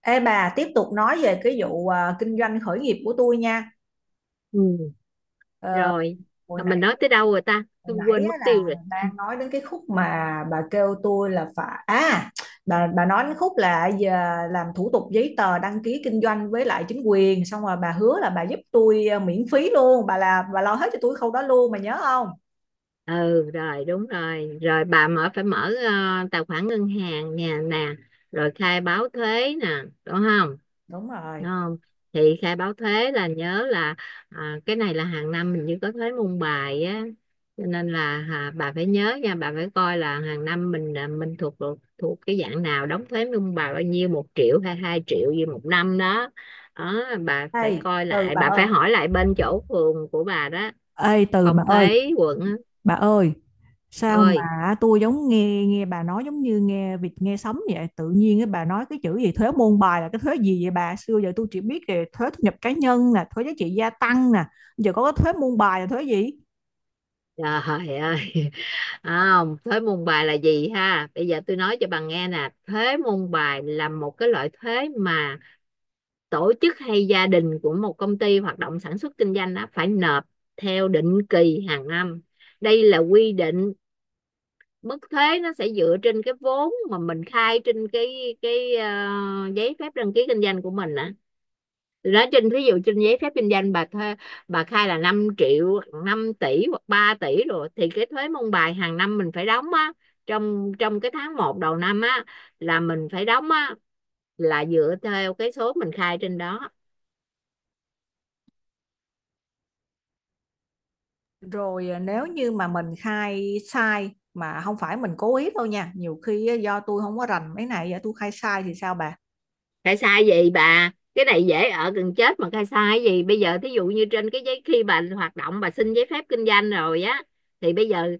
Ê bà tiếp tục nói về cái vụ kinh doanh khởi nghiệp của tôi nha. Ừ, Ờ, rồi. hồi Mà mình nãy nói tới đâu rồi ta? hồi Tôi nãy quên á mất là tiêu rồi. đang nói đến cái khúc mà bà kêu tôi là phải à, bà nói đến khúc là giờ làm thủ tục giấy tờ đăng ký kinh doanh với lại chính quyền xong rồi bà hứa là bà giúp tôi miễn phí luôn, bà là bà lo hết cho tôi khâu đó luôn bà nhớ không? Ừ, rồi, đúng rồi, rồi bà mở, phải mở tài khoản ngân hàng nè, nè. Rồi khai báo thuế nè, đúng không? Đúng rồi. Đúng không? Thì khai báo thuế là nhớ là, à, cái này là hàng năm mình như có thuế môn bài á, cho nên là, à, bà phải nhớ nha, bà phải coi là hàng năm mình, mình thuộc thuộc thuộc cái dạng nào, đóng thuế môn bài bao nhiêu, 1 triệu hay 2 triệu gì một năm đó. Đó, bà phải Ê coi từ lại, bà bà phải ơi. hỏi lại bên chỗ phường của bà đó, Ê từ phòng thuế quận á. bà ơi, sao Ôi mà tôi giống nghe nghe bà nói giống như nghe vịt nghe sấm vậy? Tự nhiên cái bà nói cái chữ gì thuế môn bài là cái thuế gì vậy bà? Xưa giờ tôi chỉ biết về thuế thu nhập cá nhân nè, thuế giá trị gia tăng nè, giờ có cái thuế môn bài là thuế gì? trời ơi, không, thuế môn bài là gì ha, bây giờ tôi nói cho bà nghe nè. Thuế môn bài là một cái loại thuế mà tổ chức hay gia đình của một công ty hoạt động sản xuất kinh doanh đó phải nộp theo định kỳ hàng năm. Đây là quy định. Mức thuế nó sẽ dựa trên cái vốn mà mình khai trên cái giấy phép đăng ký kinh doanh của mình á. Thì trên, ví dụ trên giấy phép kinh doanh bà thuê, bà khai là 5 triệu 5 tỷ hoặc 3 tỷ rồi, thì cái thuế môn bài hàng năm mình phải đóng á, trong trong cái tháng 1 đầu năm á, là mình phải đóng á, là dựa theo cái số mình khai trên đó. Rồi à, nếu như mà mình khai sai mà không phải mình cố ý đâu nha, nhiều khi á, do tôi không có rành mấy này, giờ tôi khai sai thì sao bà? Khai sai gì bà, cái này dễ ở gần chết, mà khai sai gì bây giờ. Thí dụ như trên cái giấy khi bà hoạt động, bà xin giấy phép kinh doanh rồi á, thì bây giờ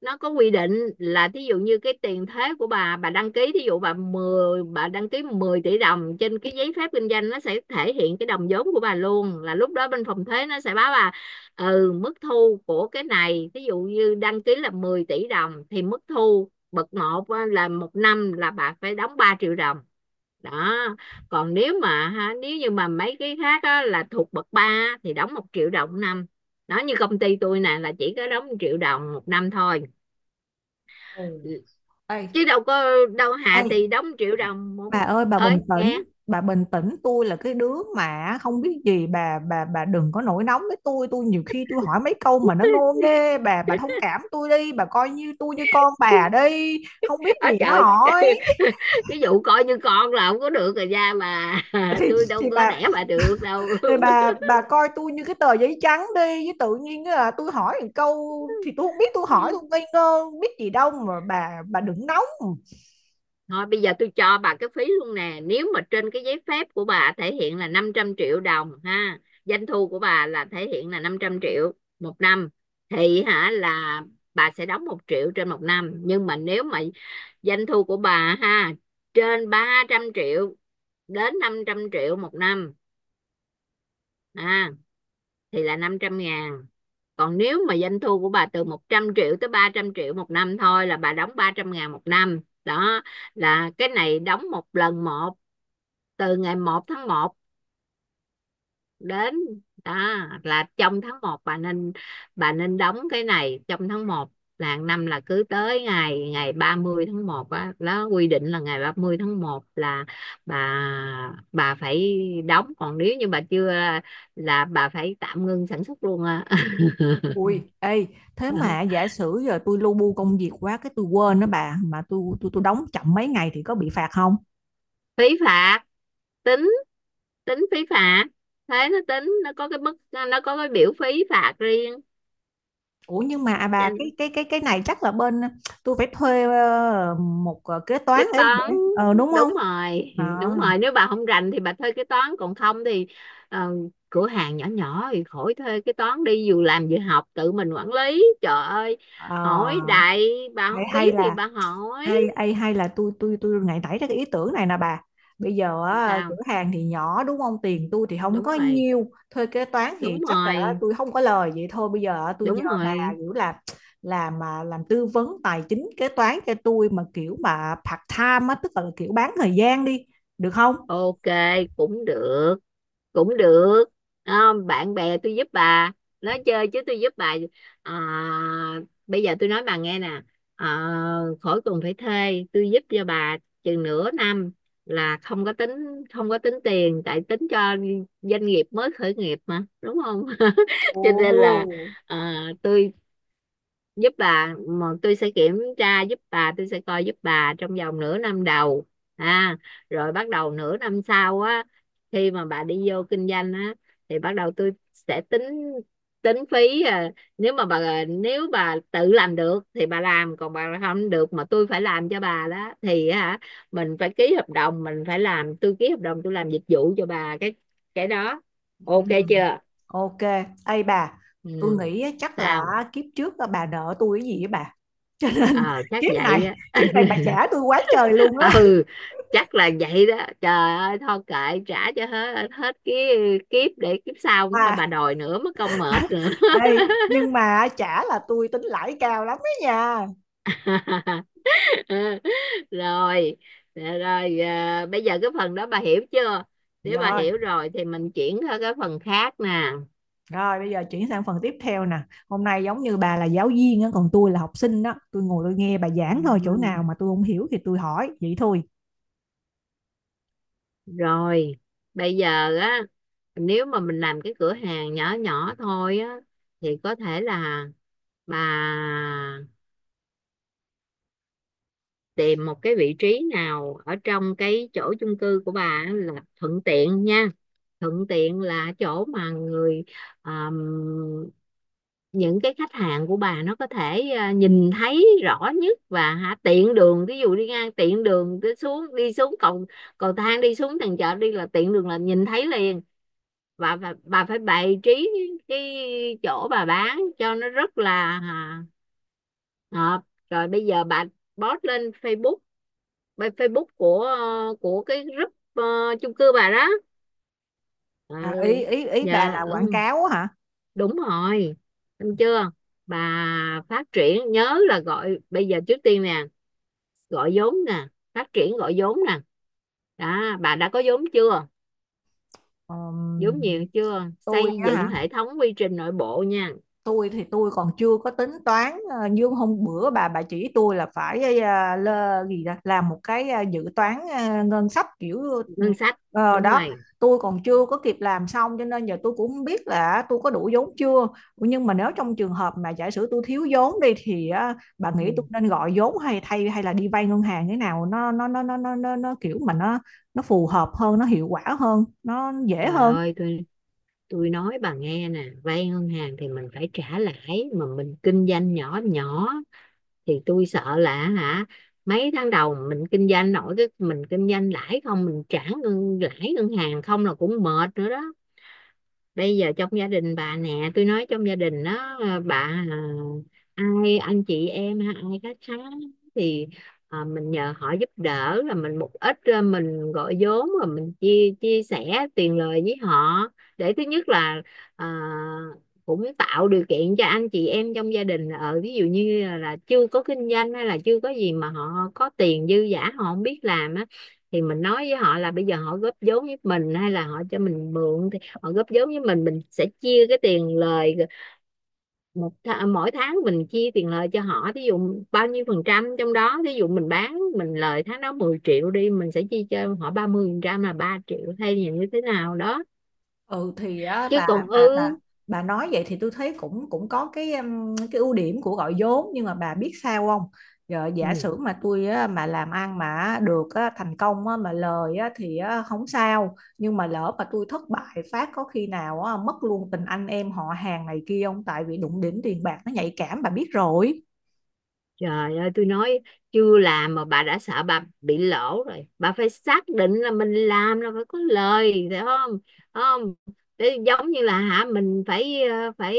nó có quy định là, thí dụ như cái tiền thuế của bà đăng ký, thí dụ bà đăng ký 10 tỷ đồng trên cái giấy phép kinh doanh, nó sẽ thể hiện cái đồng vốn của bà luôn, là lúc đó bên phòng thuế nó sẽ báo bà. Ừ, mức thu của cái này, thí dụ như đăng ký là 10 tỷ đồng, thì mức thu bậc một là một năm là bà phải đóng 3 triệu đồng. Đó, còn nếu mà ha, nếu như mà mấy cái khác á, là thuộc bậc 3 thì đóng 1 triệu đồng 1 năm. Đó, như công ty tôi nè là chỉ có đóng 1 triệu đồng 1 năm thôi. Ừ. Ừ. Ê, Chứ đâu có, đâu ê hà, thì đóng triệu đồng một. bà ơi bà bình Ơi nghe, tĩnh bà bình tĩnh, tôi là cái đứa mà không biết gì, bà đừng có nổi nóng với tôi nhiều khi tôi hỏi mấy câu mà nó ngô nghê, bà thông cảm tôi đi, bà coi như tôi như con bà đi, không biết ở gì nó trời, hỏi cái vụ coi như con là không có được rồi ra mà, thì tôi thì đâu có bà đẻ mà được đâu. thì bà coi tôi như cái tờ giấy trắng đi, với tự nhiên là tôi hỏi một câu thì tôi không biết, tôi hỏi tôi ngây ngơ không biết gì đâu mà bà đừng nóng. Thôi bây giờ tôi cho bà cái phí luôn nè. Nếu mà trên cái giấy phép của bà thể hiện là 500 triệu đồng ha, doanh thu của bà là thể hiện là 500 triệu 1 năm, thì hả, là bà sẽ đóng 1 triệu trên 1 năm. Nhưng mà nếu mà doanh thu của bà ha, trên 300 triệu đến 500 triệu 1 năm ha, thì là 500 ngàn. Còn nếu mà doanh thu của bà từ 100 triệu tới 300 triệu 1 năm thôi, là bà đóng 300 ngàn 1 năm. Đó, là cái này đóng một lần một, từ ngày 1 tháng 1 đến, đó, là trong tháng 1 bà nên đóng cái này trong tháng 1, là hàng năm là cứ tới ngày ngày 30 tháng 1 á. Đó, quy định là ngày 30 tháng 1 là bà bà phải đóng, còn nếu như bà chưa là bà phải tạm ngưng sản xuất luôn á. Ui, ê, thế mà giả sử giờ tôi lu bu công việc quá cái tôi quên đó bà, mà tôi đóng chậm mấy ngày thì có bị phạt không? Phí phạt, tính tính phí phạt, thế nó tính, nó có cái mức, nó có cái biểu phí phạt riêng. Ủa nhưng mà à bà, cái này chắc là bên tôi phải thuê một kế Cái toán để toán, đúng không? đúng rồi, Ờ, đúng rồi, nếu bà không rành thì bà thuê cái toán, còn không thì, ờ, cửa hàng nhỏ nhỏ thì khỏi thuê cái toán, đi vừa làm vừa học tự mình quản lý. Trời ơi, ờ, hỏi đại, bà hay không hay biết thì là bà ê, hỏi. ê, hay là tôi ngày nảy ra cái ý tưởng này nè bà, bây giờ á, cửa Sao, hàng thì nhỏ đúng không, tiền tôi thì không đúng có rồi, nhiêu, thuê kế toán thì đúng chắc là rồi, tôi không có lời, vậy thôi bây giờ tôi nhờ đúng bà rồi, kiểu là làm mà làm tư vấn tài chính kế toán cho tôi mà kiểu mà part time á, tức là kiểu bán thời gian đi, được không? ok, cũng được, cũng được. Đó, bạn bè tôi giúp bà, nói chơi chứ tôi giúp bà. À, bây giờ tôi nói bà nghe nè, à, khỏi cần phải thuê, tôi giúp cho bà chừng nửa năm là không có tính tiền, tại tính cho doanh nghiệp mới khởi nghiệp mà, đúng không? Cho nên là, Ồ. à, tôi giúp bà mà, tôi sẽ kiểm tra giúp bà, tôi sẽ coi giúp bà trong vòng nửa năm đầu. À, rồi bắt đầu nửa năm sau á, khi mà bà đi vô kinh doanh á, thì bắt đầu tôi sẽ tính, tính phí. À, nếu bà tự làm được thì bà làm, còn bà không được mà tôi phải làm cho bà đó, thì hả mình phải ký hợp đồng, mình phải làm, tôi ký hợp đồng tôi làm dịch vụ cho bà cái đó. Ừ. Ok chưa? OK, ê bà, Ừ, tôi nghĩ á, chắc là sao? kiếp trước á, bà nợ tôi cái gì á bà, cho nên Ờ, chắc kiếp vậy này á. kiếp này bà trả tôi quá trời luôn á. Ừ, chắc là vậy đó, trời ơi, thôi kệ, trả cho hết hết cái kiếp để kiếp sau không thôi À, bà đòi nữa mất công mệt nữa. ê, nhưng mà chả là tôi tính lãi cao lắm ấy nha. Rồi, dạ rồi, à, bây giờ cái phần đó bà hiểu chưa? Nếu bà Rồi, hiểu rồi thì mình chuyển qua cái phần khác nè. rồi bây giờ chuyển sang phần tiếp theo nè. Hôm nay giống như bà là giáo viên á, còn tôi là học sinh đó. Tôi ngồi tôi nghe bà giảng À, thôi, chỗ nào mà tôi không hiểu thì tôi hỏi, vậy thôi. rồi bây giờ á, nếu mà mình làm cái cửa hàng nhỏ nhỏ thôi á, thì có thể là bà tìm một cái vị trí nào ở trong cái chỗ chung cư của bà là thuận tiện nha. Thuận tiện là chỗ mà người, um, những cái khách hàng của bà nó có thể, à, nhìn thấy rõ nhất và hả, tiện đường, ví dụ đi ngang, tiện đường đi xuống cầu cầu thang đi xuống tầng chợ đi, là tiện đường là nhìn thấy liền. Bà phải bày trí cái chỗ bà bán cho nó rất là, à, hợp. Rồi bây giờ bà post lên Facebook, bên Facebook của, của cái group, ờ, chung cư bà đó. Ừ, À, ý ý ý bà giờ, là quảng ừ, cáo á hả? đúng rồi, đúng chưa? Bà phát triển, nhớ là gọi, bây giờ trước tiên nè, gọi vốn nè, phát triển gọi vốn nè. Đó, bà đã có vốn chưa? Ờm, Vốn nhiều chưa? tôi Xây á dựng hả? hệ thống quy trình nội bộ nha. Tôi thì tôi còn chưa có tính toán ờ, như hôm bữa bà chỉ tôi là phải ờ, lơ, gì đó, làm một cái ờ, dự toán ờ, ngân sách kiểu Ngân sách, ờ, đúng đó, rồi. tôi còn chưa có kịp làm xong cho nên giờ tôi cũng không biết là tôi có đủ vốn chưa, nhưng mà nếu trong trường hợp mà giả sử tôi thiếu vốn đi thì ờ, bà nghĩ tôi Ừ. nên gọi vốn hay là đi vay ngân hàng thế nào, nó kiểu mà nó phù hợp hơn, nó hiệu quả hơn, nó dễ Trời hơn. ơi, tôi nói bà nghe nè, vay ngân hàng thì mình phải trả lãi, mà mình kinh doanh nhỏ nhỏ thì tôi sợ là hả mấy tháng đầu mình kinh doanh nổi, cái mình kinh doanh lãi không, mình trả ngân lãi ngân hàng không là cũng mệt nữa đó. Bây giờ trong gia đình bà nè, tôi nói trong gia đình đó, à, bà, à, ai anh chị em ha, ai khách khá thì, à, mình nhờ họ giúp đỡ là mình một ít, à, mình gọi vốn rồi mình chia chia sẻ tiền lời với họ để thứ nhất là, à, cũng tạo điều kiện cho anh chị em trong gia đình ở, ví dụ như là chưa có kinh doanh hay là chưa có gì mà họ có tiền dư dả họ không biết làm á, thì mình nói với họ là bây giờ họ góp vốn với mình hay là họ cho mình mượn. Họ góp vốn với mình sẽ chia cái tiền lời một th mỗi tháng, mình chia tiền lời cho họ, thí dụ bao nhiêu phần trăm trong đó. Thí dụ mình bán mình lời tháng đó 10 triệu đi, mình sẽ chia cho họ 30% là 3 triệu hay là như thế nào đó. Ừ thì á Chứ bà, còn bà bà ư, bà nói vậy thì tôi thấy cũng cũng có cái ưu điểm của gọi vốn, nhưng mà bà biết sao không, giờ giả ừ. sử mà tôi á, mà làm ăn mà được á, thành công á, mà lời á, thì á, không sao, nhưng mà lỡ mà tôi thất bại phát, có khi nào á, mất luôn tình anh em họ hàng này kia không, tại vì đụng đến tiền bạc nó nhạy cảm bà biết rồi. Trời ơi tôi nói, chưa làm mà bà đã sợ bà bị lỗ rồi, bà phải xác định là mình làm là phải có lời, phải không? Phải không? Để giống như là hả mình phải, ờ, phải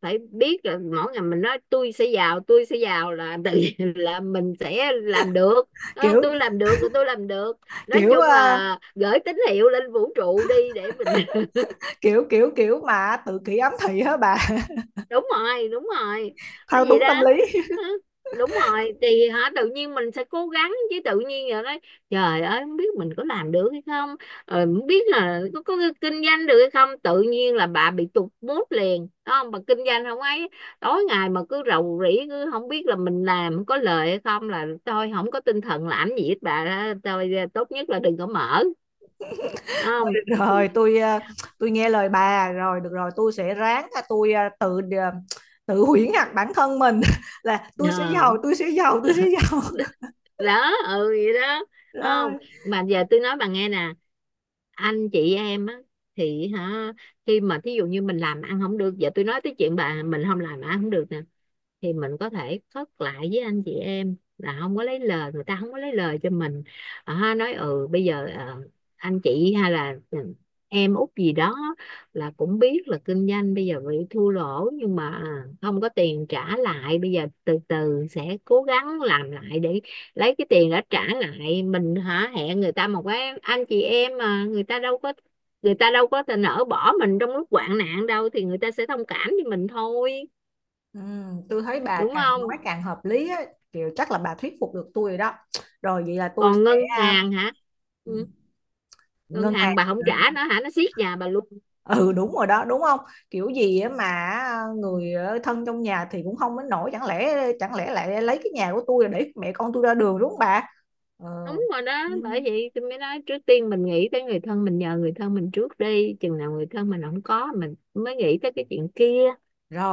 phải biết là mỗi ngày mình nói tôi sẽ giàu, tôi sẽ giàu, là tự nhiên là mình sẽ làm được. Ờ, kiểu tôi làm được là tôi làm được. Nói kiểu chung ờ, là gửi tín hiệu lên vũ trụ đi để mình, kiểu kiểu kiểu mà tự kỷ ám thị á bà. đúng rồi, đúng rồi, nói Thao vậy túng tâm đó. lý. Hả? Đúng rồi, thì hả tự nhiên mình sẽ cố gắng, chứ tự nhiên giờ nói trời ơi không biết mình có làm được hay không, rồi không biết là có kinh doanh được hay không, tự nhiên là bà bị tụt mood liền. Đúng không? Bà kinh doanh không ấy, tối ngày mà cứ rầu rĩ, cứ không biết là mình làm có lời hay không, là thôi không có tinh thần làm gì hết bà đó. Tôi tốt nhất là đừng có mở. Đúng không? Được rồi tôi ờ, tôi nghe lời bà rồi, được rồi tôi sẽ ráng là tôi tự tự huyễn hoặc bản thân mình là tôi sẽ Ờ. giàu, tôi sẽ giàu, tôi sẽ giàu. Đó, ừ, vậy đó. Không, Rồi mà giờ tôi nói bà nghe nè, anh chị em á, thì hả khi mà thí dụ như mình làm ăn không được, giờ tôi nói tới chuyện bà mình không làm ăn không được nè, thì mình có thể phớt lại với anh chị em là không có lấy lời người ta, không có lấy lời cho mình. Ờ, ha, nói, ừ, bây giờ, ờ, anh chị hay là, ừ, em út gì đó là cũng biết là kinh doanh bây giờ bị thua lỗ, nhưng mà, à, không có tiền trả lại, bây giờ từ từ sẽ cố gắng làm lại để lấy cái tiền đã trả lại mình, hả, hẹn người ta một cái, anh chị em mà, người ta đâu có thể nỡ bỏ mình trong lúc hoạn nạn đâu, thì người ta sẽ thông cảm với mình thôi. ừ, tôi thấy bà Đúng càng không? nói càng hợp lý á, kiểu chắc là bà thuyết phục được tôi rồi đó. Rồi vậy là tôi Còn sẽ ngân à, hàng hả? Ừ. Ngân ngân hàng hàng, bà không trả nó hả, nó siết nhà bà luôn. ừ đúng rồi đó, đúng không, kiểu gì á mà à, Ừ. người ở thân trong nhà thì cũng không đến nổi, chẳng lẽ chẳng lẽ lại lấy cái nhà của tôi để mẹ con tôi ra đường đúng không bà. Đúng rồi đó, bởi Ừ. vậy tôi mới nói trước tiên mình nghĩ tới người thân, mình nhờ người thân mình trước đi, chừng nào người thân mình không có mình mới nghĩ tới cái chuyện kia.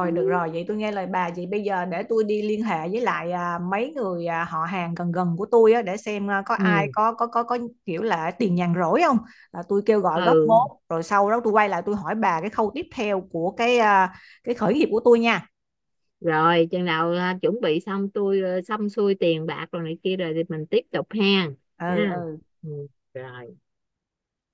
Ừ, được rồi, vậy tôi nghe lời bà. Vậy bây giờ để tôi đi liên hệ với lại à, mấy người à, họ hàng gần gần của tôi á, để xem à, có ai ừ. có kiểu là tiền nhàn rỗi không. Là tôi kêu gọi góp Ừ. vốn, rồi sau đó tôi quay lại tôi hỏi bà cái khâu tiếp theo của cái à, cái khởi nghiệp của tôi nha. Rồi chừng nào, à, chuẩn bị xong, tôi, à, xong xuôi tiền bạc rồi này kia rồi thì mình tiếp tục ha. Ừ Ha. ừ. Ừ. Rồi.